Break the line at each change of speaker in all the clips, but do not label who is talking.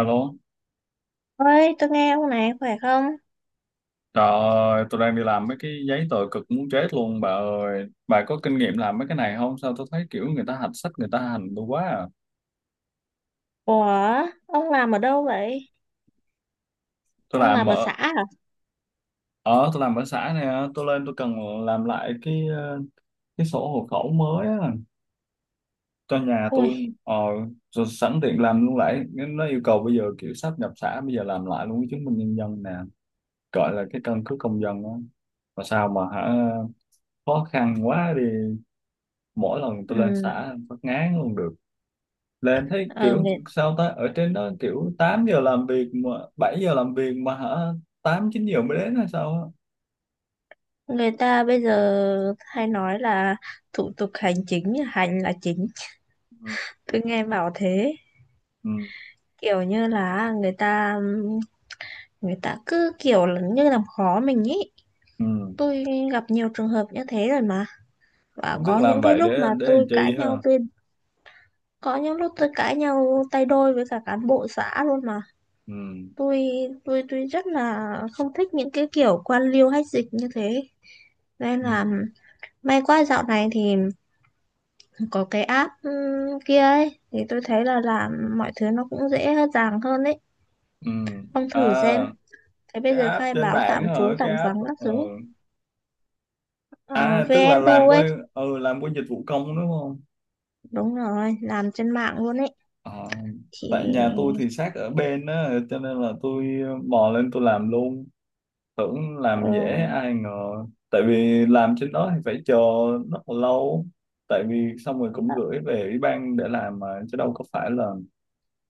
Alo,
Ơi, tôi nghe ông này khỏe không?
trời ơi, tôi đang đi làm mấy cái giấy tờ cực muốn chết luôn bà ơi. Bà có kinh nghiệm làm mấy cái này không? Sao tôi thấy kiểu người ta hạch sách, người ta hành tôi quá à.
Ủa, ông làm ở đâu vậy?
Tôi
Ông làm
làm
ở xã
ở,
à?
ở tôi làm ở xã này, á, tôi lên tôi cần làm lại cái sổ hộ khẩu mới á, cho nhà tôi.
Ui,
Ờ, Rồi sẵn tiện làm luôn lại. Nó yêu cầu bây giờ kiểu sắp nhập xã, bây giờ làm lại luôn cái chứng minh nhân dân nè. Gọi là cái căn cước công dân á. Mà sao mà hả, khó khăn quá đi. Mỗi lần tôi lên
ừ,
xã phát ngán luôn được. Là em thấy
ờ,
kiểu
người,
sao ta ở trên đó kiểu 8 giờ làm việc mà 7 giờ làm việc mà hả, 8-9 giờ mới đến hay sao á?
người ta bây giờ hay nói là thủ tục hành chính, hành là chính.
Ừ,
Tôi nghe bảo thế,
ừ,
kiểu như là người ta cứ kiểu là như làm khó mình ý.
ừ.
Tôi gặp nhiều trường hợp như thế rồi mà. Và
Không biết
có
làm
những cái
vậy
lúc
để
mà
để làm
tôi cãi
chi ha?
nhau, tôi có những lúc tôi cãi nhau tay đôi với cả cán bộ xã luôn mà.
Ừ,
tôi tôi rất là không thích những cái kiểu quan liêu hách dịch như thế, nên
ừ,
là may quá dạo này thì có cái app kia ấy thì tôi thấy là làm mọi thứ nó cũng dễ dàng hơn ấy.
ừ.
Ông
À,
thử xem, thế bây
cái
giờ
app
khai
trên
báo tạm
mạng hả?
trú tạm
cái app
vắng các
ờ.
thứ,
À, tức là
VNU
làm
ấy.
qua dịch vụ công đúng không?
Đúng rồi, làm trên mạng luôn ấy
Ờ,
thì.
Tại nhà tôi thì sát ở bên á, cho nên là tôi mò lên tôi làm luôn, tưởng làm dễ,
uh,
ai ngờ tại vì làm trên đó thì phải chờ rất là lâu, tại vì xong rồi cũng gửi về ủy ban để làm mà, chứ đâu có phải là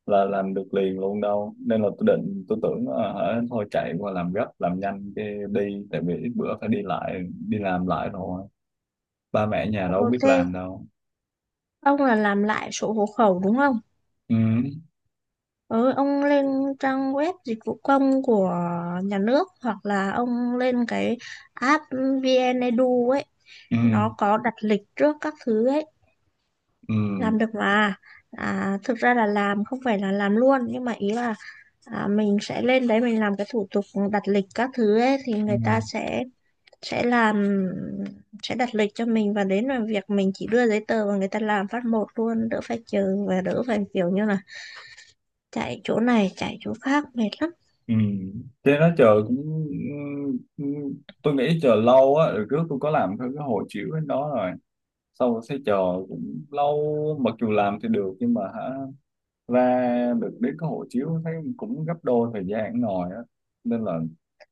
là làm được liền luôn đâu, nên là tôi định tôi tưởng thôi chạy qua làm gấp làm nhanh cái đi, tại vì ít bữa phải đi lại đi làm lại rồi, ba mẹ nhà đâu biết
ok,
làm đâu.
ông là làm lại sổ hộ khẩu đúng không?
Ừ,
Ừ, ông lên trang web dịch vụ công của nhà nước hoặc là ông lên cái app VnEdu ấy,
ừ,
nó có đặt lịch trước các thứ ấy,
ừ,
làm được mà. À, thực ra là làm không phải là làm luôn nhưng mà ý là à, mình sẽ lên đấy mình làm cái thủ tục đặt lịch các thứ ấy thì
ừ,
người ta sẽ làm sẽ đặt lịch cho mình và đến làm việc mình chỉ đưa giấy tờ và người ta làm phát một luôn, đỡ phải chờ và đỡ phải kiểu như là chạy chỗ này chạy chỗ khác mệt lắm.
ừ. Thế nó chờ cũng, ừ, ừ. Tôi nghĩ chờ lâu á, rồi trước tôi có làm theo cái hồ chiếu đó rồi, sau rồi sẽ chờ cũng lâu, mặc dù làm thì được nhưng mà hả, ra được đến cái hộ chiếu thấy cũng gấp đôi thời gian ngồi á, nên là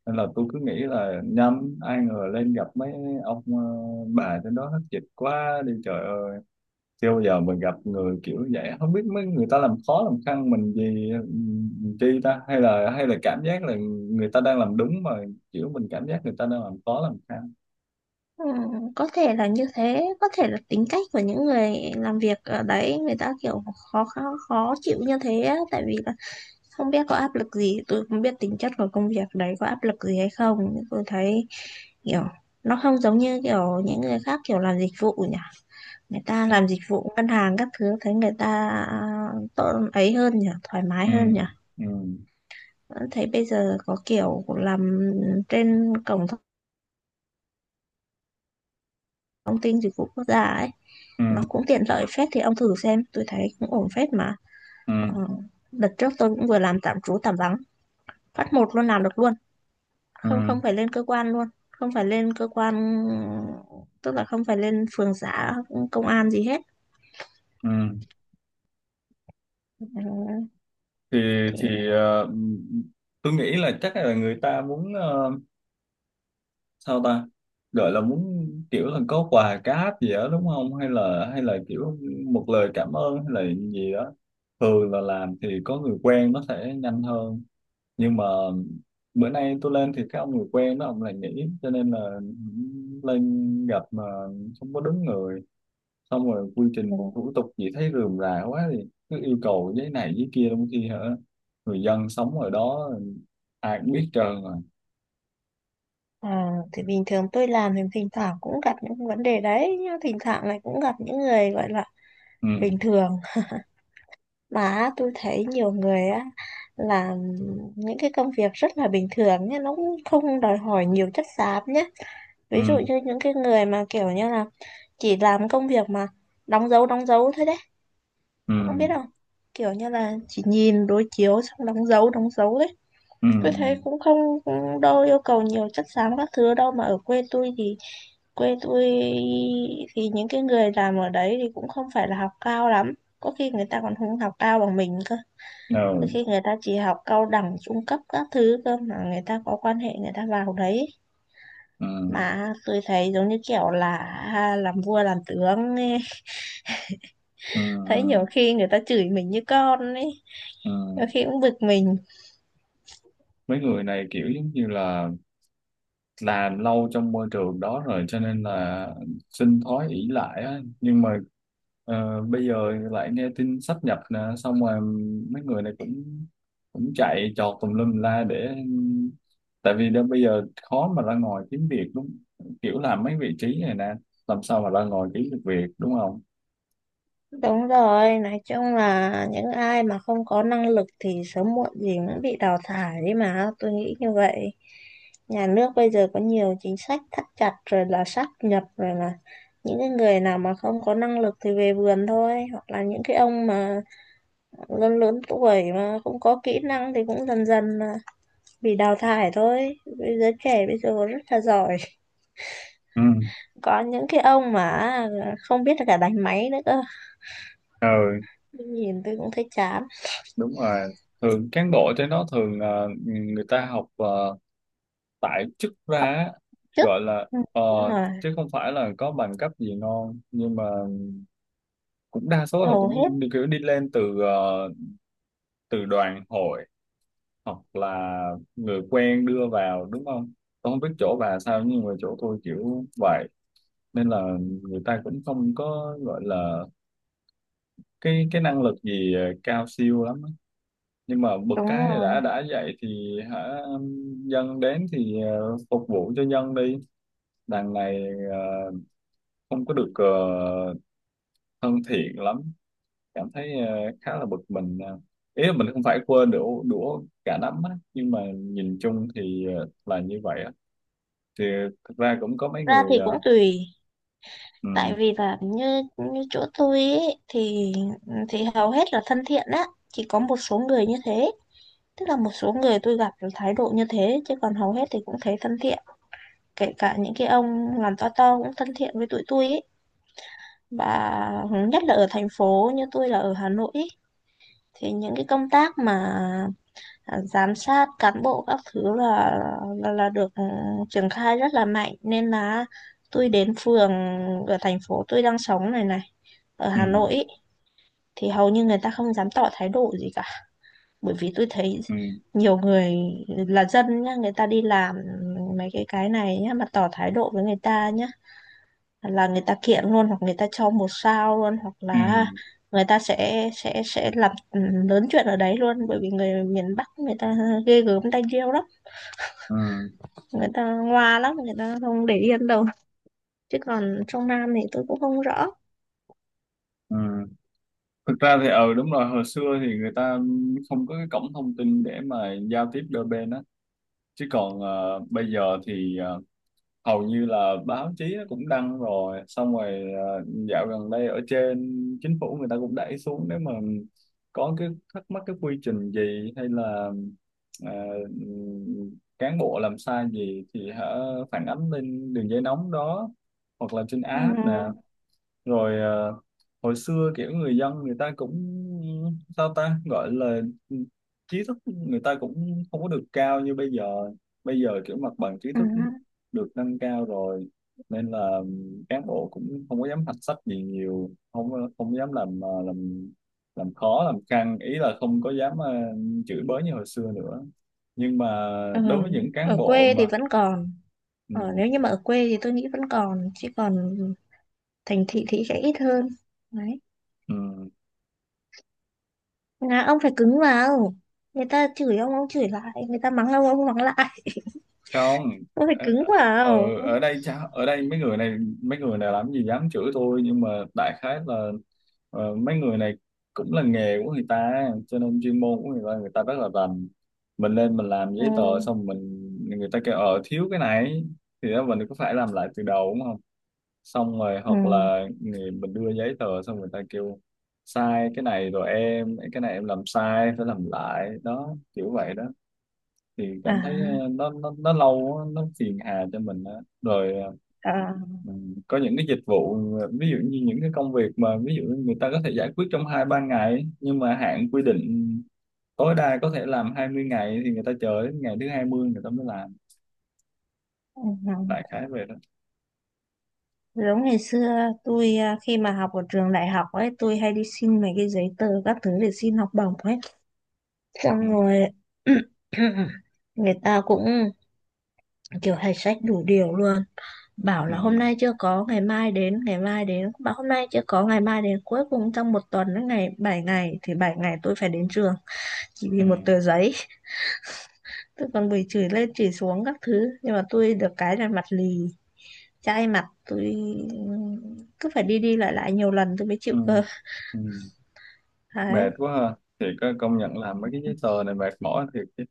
nên là tôi cứ nghĩ là nhầm, ai ngờ lên gặp mấy ông, bà trên đó hết dịch quá đi trời ơi. Chưa bao giờ mình gặp người kiểu vậy, không biết mấy người ta làm khó làm khăn mình gì chi ta, hay là cảm giác là người ta đang làm đúng mà, kiểu mình cảm giác người ta đang làm khó làm khăn.
Ừ, có thể là như thế, có thể là tính cách của những người làm việc ở đấy, người ta kiểu khó khó, khó chịu như thế á, tại vì là không biết có áp lực gì, tôi không biết tính chất của công việc đấy có áp lực gì hay không nhưng tôi thấy kiểu nó không giống như kiểu những người khác kiểu làm dịch vụ nhỉ. Người ta làm dịch vụ ngân hàng các thứ thấy người ta tốt ấy, hơn nhỉ, thoải mái
Ừ,
hơn nhỉ.
ừ,
Vẫn thấy bây giờ có kiểu làm trên cổng thông tin dịch vụ quốc gia ấy
ừ,
nó cũng tiện lợi phết, thì ông thử xem, tôi thấy cũng ổn phết mà.
ừ,
ờ, Đợt trước tôi cũng vừa làm tạm trú tạm vắng phát một luôn, làm được luôn,
ừ,
không không phải lên cơ quan luôn không phải lên cơ quan, tức là không phải lên phường xã công an gì hết.
ừ.
Ừ,
thì
thì
thì ờ, tôi nghĩ là chắc là người ta muốn sao ta gọi là muốn kiểu là có quà cáp gì đó đúng không, hay là kiểu một lời cảm ơn hay là gì đó. Thường là làm thì có người quen nó sẽ nhanh hơn, nhưng mà bữa nay tôi lên thì cái ông người quen đó ông lại nghỉ, cho nên là lên gặp mà không có đúng người, xong rồi quy
ừ,
trình thủ tục gì thấy rườm rà quá thì cứ yêu cầu giấy này giấy kia, trong khi hả, người dân sống ở đó ai cũng biết trơn rồi.
thì bình thường tôi làm thì thỉnh thoảng cũng gặp những vấn đề đấy nhưng thỉnh thoảng này cũng gặp những người gọi là
Ừ,
bình thường. Mà tôi thấy nhiều người á làm những cái công việc rất là bình thường nhé, nó cũng không đòi hỏi nhiều chất xám nhé. Ví dụ
ừ,
như những cái người mà kiểu như là chỉ làm công việc mà đóng dấu thôi đấy,
ừ,
ông biết không? Kiểu như là chỉ nhìn đối chiếu xong đóng dấu đấy.
ừ,
Tôi thấy cũng không, cũng đâu yêu cầu nhiều chất xám các thứ đâu, mà ở quê tôi thì quê tôi những cái người làm ở đấy thì cũng không phải là học cao lắm. Có khi người ta còn không học cao bằng mình cơ.
ừ,
Đôi
ừ,
khi người ta chỉ học cao đẳng trung cấp các thứ cơ mà người ta có quan hệ người ta vào đấy,
ừ,
mà tôi thấy giống như kiểu là à, làm vua làm tướng ấy.
ừ,
Thấy nhiều
ừ,
khi người ta chửi mình như con ấy,
ừ.
nhiều khi cũng bực mình.
Mấy người này kiểu giống như là làm lâu trong môi trường đó rồi cho nên là sinh thói ỷ lại á, nhưng mà bây giờ lại nghe tin sáp nhập nè, xong rồi mấy người này cũng cũng chạy trọt tùm lum la để, tại vì đó bây giờ khó mà ra ngoài kiếm việc đúng, kiểu làm mấy vị trí này nè làm sao mà ra ngoài kiếm được việc đúng không?
Đúng rồi, nói chung là những ai mà không có năng lực thì sớm muộn gì cũng bị đào thải đấy, mà tôi nghĩ như vậy. Nhà nước bây giờ có nhiều chính sách thắt chặt rồi, là sáp nhập rồi, là những cái người nào mà không có năng lực thì về vườn thôi, hoặc là những cái ông mà lớn lớn tuổi mà không có kỹ năng thì cũng dần dần mà bị đào thải thôi. Bây giờ trẻ bây giờ rất là giỏi,
Ừ,
có những cái ông mà không biết là cả đánh máy nữa cơ,
ừ.
nhìn tôi cũng thấy chán.
Đúng rồi, thường cán bộ trên đó thường người ta học tại chức ra á,
Trước,
gọi là
ừ, đúng rồi,
chứ không phải là có bằng cấp gì ngon, nhưng mà cũng đa số là
hầu hết,
cũng đi, kiểu đi lên từ từ đoàn hội, hoặc là người quen đưa vào đúng không? Tôi không biết chỗ bà sao nhưng mà chỗ tôi kiểu vậy, nên là người ta cũng không có gọi là cái năng lực gì cao siêu lắm á. Nhưng mà bực
đúng
cái
rồi.
đã vậy thì hả, dân đến thì phục vụ cho dân đi, đằng này ờ, không có được thân thiện lắm, cảm thấy khá là bực mình ờ. Ý là mình không phải quên đũa đũa cả nắm á, nhưng mà nhìn chung thì là như vậy á, thì thực ra cũng có mấy
Ra thì
người
cũng tùy,
ừ,
tại vì là như như chỗ tôi ấy, thì ừ, thì hầu hết là thân thiện á, chỉ có một số người như thế, tức là một số người tôi gặp được thái độ như thế chứ còn hầu hết thì cũng thấy thân thiện, kể cả những cái ông làm to cũng thân thiện với tụi tôi ấy. Và nhất là ở thành phố như tôi là ở Hà Nội ý, thì những cái công tác mà à, giám sát cán bộ các thứ là là được ừ, triển khai rất là mạnh, nên là tôi đến phường ở thành phố tôi đang sống này này, ở
ừ,
Hà Nội ý, thì hầu như người ta không dám tỏ thái độ gì cả. Bởi vì tôi thấy
ừ,
nhiều người là dân nhá, người ta đi làm mấy cái này nhá mà tỏ thái độ với người ta nhá là người ta kiện luôn hoặc người ta cho một sao luôn hoặc
ừ,
là người ta sẽ làm ừ, lớn chuyện ở đấy luôn, bởi vì người miền Bắc người ta ghê gớm tay điêu lắm,
ừ,
người ta ngoa lắm, người ta không để yên đâu, chứ còn trong Nam thì tôi cũng không rõ.
ừ. Thực ra thì ừ đúng rồi, hồi xưa thì người ta không có cái cổng thông tin để mà giao tiếp đôi bên á, chứ còn bây giờ thì hầu như là báo chí nó cũng đăng rồi, xong rồi dạo gần đây ở trên chính phủ người ta cũng đẩy xuống, nếu mà có cái thắc mắc cái quy trình gì hay là ờ, cán bộ làm sai gì thì hả, phản ánh lên đường dây nóng đó hoặc là trên app nè.
Ừ.
Rồi hồi xưa kiểu người dân người ta cũng sao ta gọi là trí thức người ta cũng không có được cao như bây giờ, bây giờ kiểu mặt bằng trí
Ừ.
thức được nâng cao rồi, nên là cán bộ cũng không có dám hạch sách gì nhiều, không không dám làm làm khó làm căng, ý là không có dám chửi bới như hồi xưa nữa, nhưng mà
Ừ.
đối với những cán
Ở
bộ
quê thì
mà
vẫn còn, ở
ừ,
nếu như mà ở quê thì tôi nghĩ vẫn còn, chứ còn thành thị thì sẽ ít hơn. Đấy,
ừ.
là ông phải cứng vào, người ta chửi ông chửi lại, người ta mắng ông mắng lại
Không,
ông phải cứng
ở
vào. Ừ.
ở đây cha, ở đây mấy người này làm gì dám chửi tôi, nhưng mà đại khái là mấy người này cũng là nghề của người ta cho nên chuyên môn của người ta rất là rành. Mình lên mình làm
Ừ,
giấy tờ xong mình, người ta kêu thiếu cái này thì đó mình có phải làm lại từ đầu đúng không? Xong rồi
ừ,
hoặc là người, mình đưa giấy tờ xong người ta kêu sai cái này rồi, em cái này em làm sai phải làm lại đó, kiểu vậy đó thì
à,
cảm thấy nó lâu á, nó phiền hà cho mình á. Rồi
à,
mình có những cái dịch vụ ví dụ như những cái công việc mà ví dụ người ta có thể giải quyết trong 2-3 ngày, nhưng mà hạn quy định tối đa có thể làm 20 ngày thì người ta chờ đến ngày thứ 20 người ta mới làm,
ừ,
đại
ừ.
khái về đó.
Giống ngày xưa tôi à, khi mà học ở trường đại học ấy tôi hay đi xin mấy cái giấy tờ các thứ để xin học bổng ấy, xong
Ừ,
rồi người ta cũng kiểu hay sách đủ điều luôn, bảo
ừ,
là hôm nay chưa có ngày mai đến, ngày mai đến bảo hôm nay chưa có ngày mai đến, cuối cùng trong một tuần đến ngày 7 ngày thì 7 ngày tôi phải đến trường, chỉ vì
ừ,
một tờ giấy. Tôi còn bị chửi lên chửi xuống các thứ nhưng mà tôi được cái là mặt lì, chai mặt, tôi cứ phải đi đi lại lại nhiều lần tôi mới chịu
ừ,
cơ.
ừ. Mệt
Đấy.
quá ha, thì có công nhận làm mấy cái giấy tờ này mệt mỏi thiệt chứ.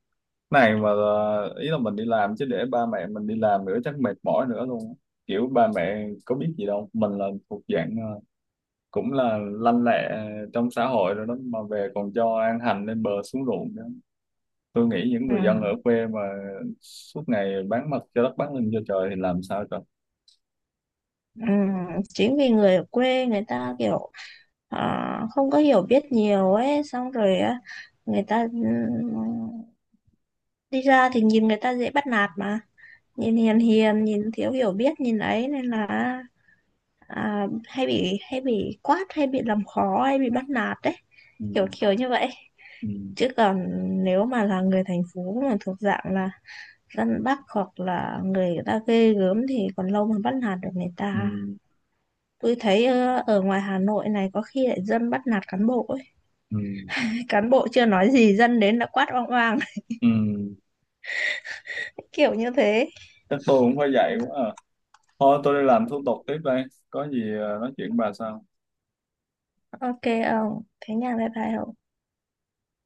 Này mà ý là mình đi làm chứ để ba mẹ mình đi làm nữa chắc mệt mỏi nữa luôn. Kiểu ba mẹ có biết gì đâu, mình là thuộc dạng cũng là lanh lẹ trong xã hội rồi đó mà về còn cho ăn hành lên bờ xuống ruộng nữa. Tôi nghĩ những
Ừ.
người dân ở quê mà suốt ngày bán mặt cho đất bán lưng cho trời thì làm sao trời.
Ừ. Chính vì người ở quê người ta kiểu à, không có hiểu biết nhiều ấy, xong rồi á, người ta ừ, đi ra thì nhìn người ta dễ bắt nạt mà, nhìn hiền hiền nhìn thiếu hiểu biết nhìn ấy, nên là à, hay bị quát, hay bị làm khó, hay bị bắt nạt đấy,
Ừ,
kiểu kiểu như vậy.
ừ,
Chứ còn nếu mà là người thành phố mà thuộc dạng là răn bắt hoặc là người ta ghê gớm thì còn lâu mới bắt nạt được người
ừ,
ta. Tôi thấy ở ngoài Hà Nội này có khi lại dân bắt nạt cán bộ ấy.
ừ,
cán bộ chưa nói gì dân đến đã quát oang oang
ừ.
kiểu như thế.
Chắc tôi cũng phải
Ừ,
dạy quá à. Thôi tôi đi làm thủ tục tiếp đây, có gì nói chuyện bà sau.
ok ông thế nha, bye bye ông.